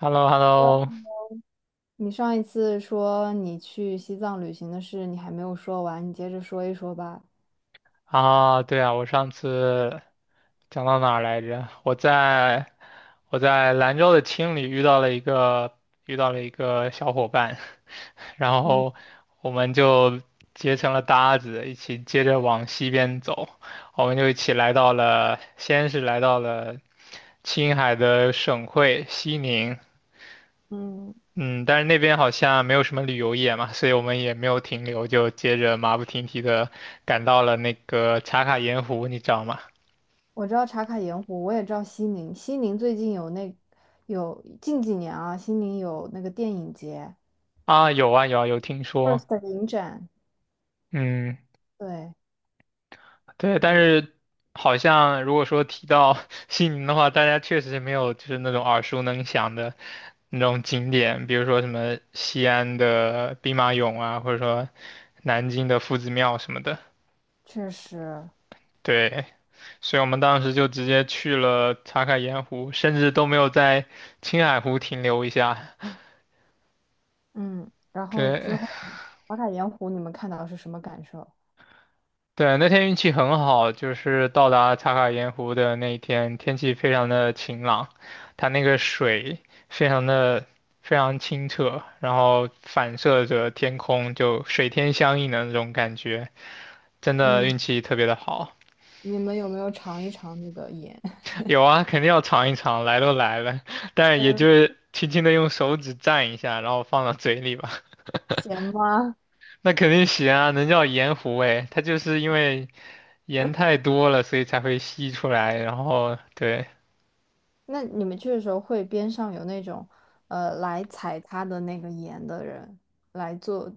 h e l l o h e l l o 你上一次说你去西藏旅行的事，你还没有说完，你接着说一说吧。啊，对啊，我上次讲到哪儿来着？我在兰州的青旅遇到了一个小伙伴，然后我们就结成了搭子，一起接着往西边走，我们就一起来到了，先是来到了青海的省会西宁，嗯，嗯，但是那边好像没有什么旅游业嘛，所以我们也没有停留，就接着马不停蹄的赶到了那个茶卡盐湖，你知道吗？我知道茶卡盐湖，我也知道西宁。西宁最近有近几年啊，西宁有那个电影节啊，有啊有啊，有听，FIRST 说，的影展，嗯，对对，对这但个是好像如果说提到 西宁的话，大家确实是没有就是那种耳熟能详的那种景点，比如说什么西安的兵马俑啊，或者说南京的夫子庙什么的，确实，对。所以我们当时就直接去了茶卡盐湖，甚至都没有在青海湖停留一下。嗯。然后之对后，茶卡盐湖你们看到是什么感受？对，那天运气很好，就是到达茶卡盐湖的那一天，天气非常的晴朗，它那个水非常的非常清澈，然后反射着天空，就水天相映的那种感觉，真的嗯，运气特别的好。你们有没有尝一尝那个盐？有啊，肯定要尝一尝，来都来了，但也就嗯，是轻轻的用手指蘸一下，然后放到嘴里吧。咸吗？那肯定行啊，能叫盐湖诶，它就是因为盐太多了，所以才会吸出来，然后对，那你们去的时候会边上有那种来采它的那个盐的人来做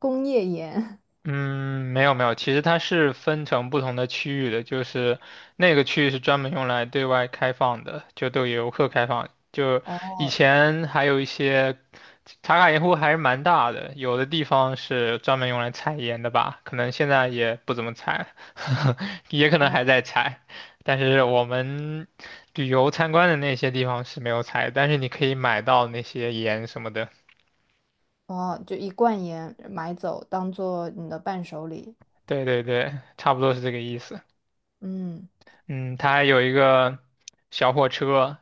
工业盐？嗯，没有没有，其实它是分成不同的区域的，就是那个区域是专门用来对外开放的，就对游客开放。就以哦前还有一些茶卡盐湖还是蛮大的，有的地方是专门用来采盐的吧，可能现在也不怎么采，也可能哦还在采。但是我们旅游参观的那些地方是没有采，但是你可以买到那些盐什么的。哦，就一罐盐买走当做你的伴手礼。对对对，差不多是这个意思。嗯，嗯，它还有一个小火车，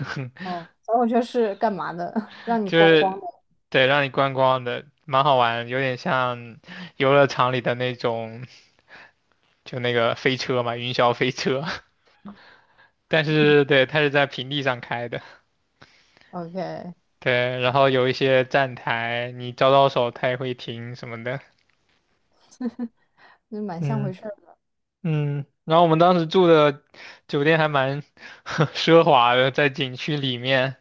哦，所以我就是干嘛的？让你就光光是的。对让你观光的，蛮好玩，有点像游乐场里的那种，就那个飞车嘛，云霄飞车。但是对，它是在平地上开的，OK，对，然后有一些站台，你招招手，它也会停什么的。那蛮像回嗯事儿的。嗯，然后我们当时住的酒店还蛮 奢华的，在景区里面，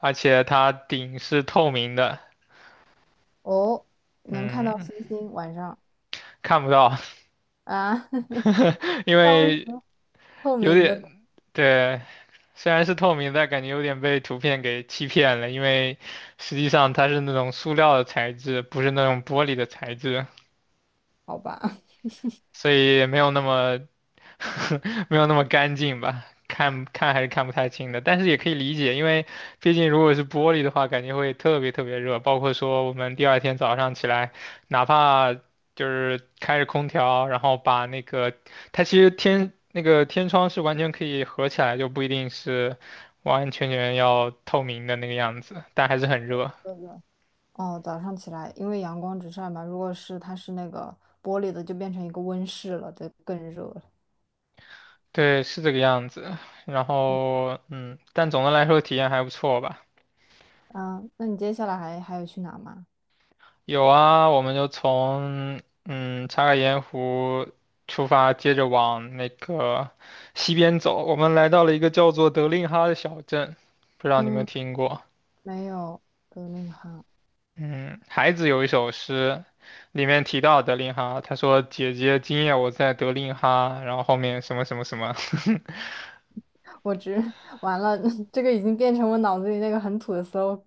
而且它顶是透明的。哦，能看到嗯，星星晚上看不到，啊？因那为什为么透有明的？点，对，虽然是透明，但感觉有点被图片给欺骗了，因为实际上它是那种塑料的材质，不是那种玻璃的材质，好吧，所以也没有那么 没有那么干净吧，看看还是看不太清的，但是也可以理解，因为毕竟如果是玻璃的话，感觉会特别特别热，包括说我们第二天早上起来，哪怕就是开着空调，然后把那个它其实天那个天窗是完全可以合起来，就不一定是完完全全要透明的那个样子，但还是很热，对的。哦，早上起来，因为阳光直晒嘛，如果是它是那个玻璃的，就变成一个温室了，就更热了。对，是这个样子。然嗯，后，嗯，但总的来说体验还不错吧。啊，那你接下来还有去哪吗？有啊，我们就从查卡盐湖出发，接着往那个西边走。我们来到了一个叫做德令哈的小镇，不知道你有没有嗯，听过？没有那个哈，嗯，孩子有一首诗，里面提到德令哈，他说：“姐姐，今夜我在德令哈。”然后后面什么什么什么，我只 完了，这个已经变成我脑子里那个很土的 slogan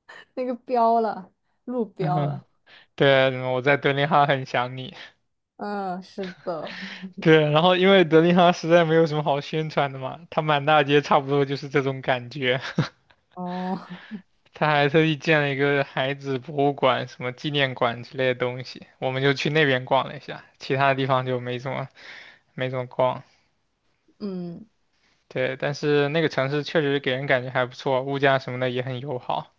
那个标了，路 标嗯，了。对，我在德令哈很想你。嗯，是的。对，然后因为德令哈实在没有什么好宣传的嘛，它满大街差不多就是这种感觉。哦，他还特意建了一个孩子博物馆、什么纪念馆之类的东西，我们就去那边逛了一下，其他地方就没怎么逛。嗯，对，但是那个城市确实给人感觉还不错，物价什么的也很友好。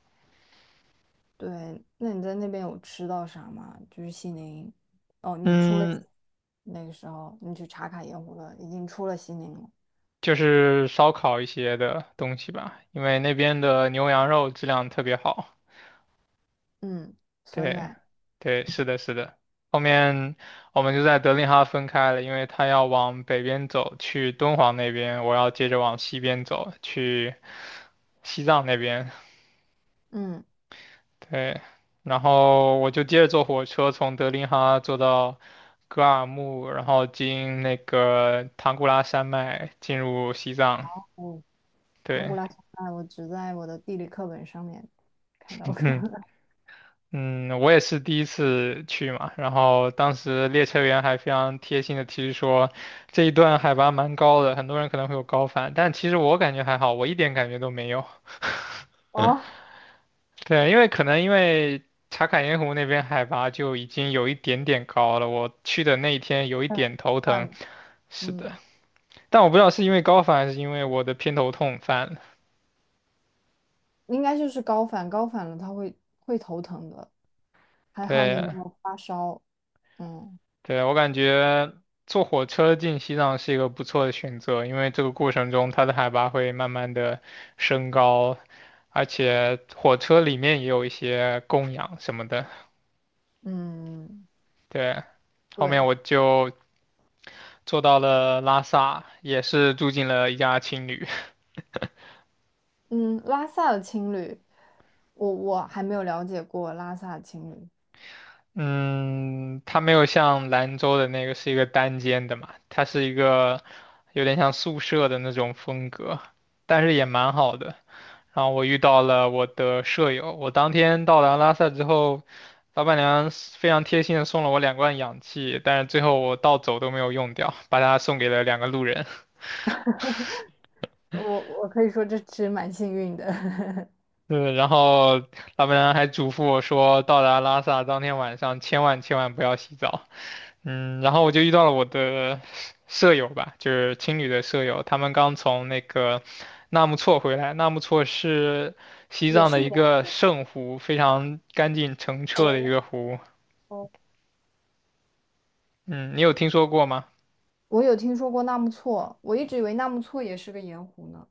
对，那你在那边有吃到啥吗？就是西宁，哦，你出了西嗯，那个时候，你去茶卡盐湖了，已经出了西宁了。就是烧烤一些的东西吧，因为那边的牛羊肉质量特别好。嗯，酸对，奶，对，是的，是的。后面我们就在德令哈分开了，因为他要往北边走去敦煌那边，我要接着往西边走去西藏那边。嗯，对，然后我就接着坐火车从德令哈坐到格尔木，然后经那个唐古拉山脉进入西藏。哦，唐古对，拉酸奶，我只在我的地理课本上面看到过。嗯。嗯，我也是第一次去嘛，然后当时列车员还非常贴心的提示说，这一段海拔蛮高的，很多人可能会有高反，但其实我感觉还好，我一点感觉都没有。哦，对，因为可能因为茶卡盐湖那边海拔就已经有一点点高了，我去的那一天有一嗯，点头算疼，了，是的，嗯，但我不知道是因为高反还是因为我的偏头痛犯了。应该就是高反，高反了他会头疼的，还好你没对，有发烧。嗯对，我感觉坐火车进西藏是一个不错的选择，因为这个过程中它的海拔会慢慢的升高，而且火车里面也有一些供氧什么的。嗯，对，后面对，我就坐到了拉萨，也是住进了一家青旅。嗯，拉萨的青旅，我还没有了解过拉萨的青旅，嗯，它没有像兰州的那个是一个单间的嘛，它是一个有点像宿舍的那种风格，但是也蛮好的。然后我遇到了我的舍友，我当天到达拉萨之后，老板娘是非常贴心的送了我两罐氧气，但是最后我到走都没有用掉，把它送给了两个路人。我可以说这是蛮幸运的。对，然后老板娘还嘱咐我说，到达拉萨当天晚上千万千万不要洗澡。嗯，然后我就遇到了我的舍友吧，就是青旅的舍友，他们刚从那个纳木错回来。纳木错是西也藏是的一年个轻圣湖，非常干净澄澈的一哦个湖。哦。嗯，你有听说过吗？我有听说过纳木错，我一直以为纳木错也是个盐湖呢。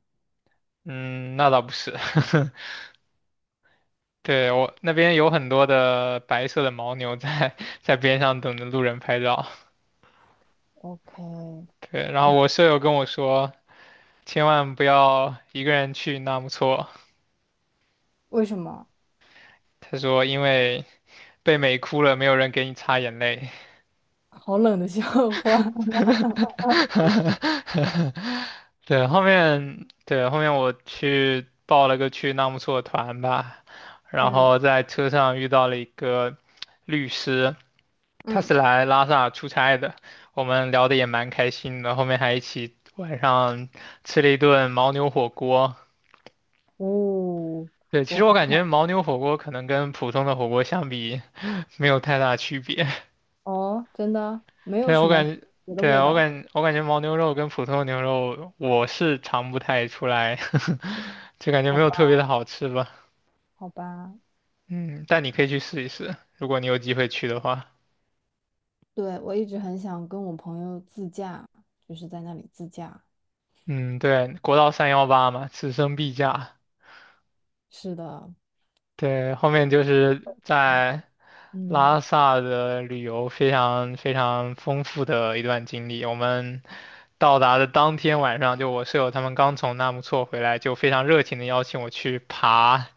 嗯，那倒不是。对，我那边有很多的白色的牦牛在 在边上等着路人拍照。？OK，对，然后我舍友跟我说。千万不要一个人去纳木错。为什么？他说，因为被美哭了，没有人给你擦眼泪。好冷的笑话。对，对，后面我去报了个去纳木错团吧，然嗯，后在车上遇到了一个律师，他嗯，是来拉萨出差的，我们聊得也蛮开心的，后面还一起晚上吃了一顿牦牛火锅。哦，对，其我实我好感觉想牦牛火锅可能跟普通的火锅相比，没有太大区别。哦，真的没 有对，什我么感觉，别的对味啊，道，我感觉牦牛肉跟普通牛肉我是尝不太出来，就感觉好没吧，有特别的好吃吧。好吧。嗯，但你可以去试一试，如果你有机会去的话。对，我一直很想跟我朋友自驾，就是在那里自驾。嗯，对，国道三幺八嘛，此生必驾。是的，对，后面就是在嗯，拉萨的旅游非常非常丰富的一段经历。我们到达的当天晚上，就我舍友他们刚从纳木错回来，就非常热情的邀请我去爬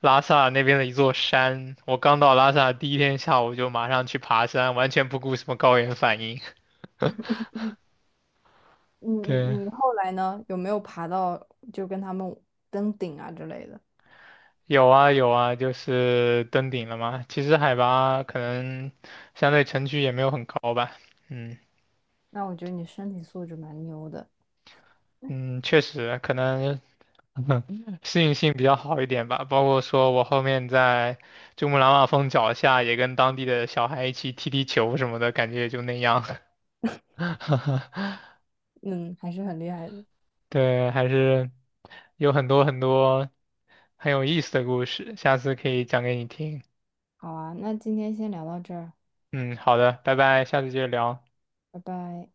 拉萨那边的一座山。我刚到拉萨第一天下午就马上去爬山，完全不顾什么高原反应。嗯 嗯，对，你后来呢？有没有爬到就跟他们登顶啊之类的？有啊有啊，就是登顶了嘛。其实海拔可能相对城区也没有很高吧，嗯。那我觉得你身体素质蛮牛的。嗯，确实，可能 适应性比较好一点吧。包括说我后面在珠穆朗玛峰脚下，也跟当地的小孩一起踢踢球什么的，感觉也就那样。嗯，还是很厉害的。对，还是有很多很多很有意思的故事，下次可以讲给你听。好啊，那今天先聊到这儿，嗯，好的，拜拜，下次接着聊。拜拜。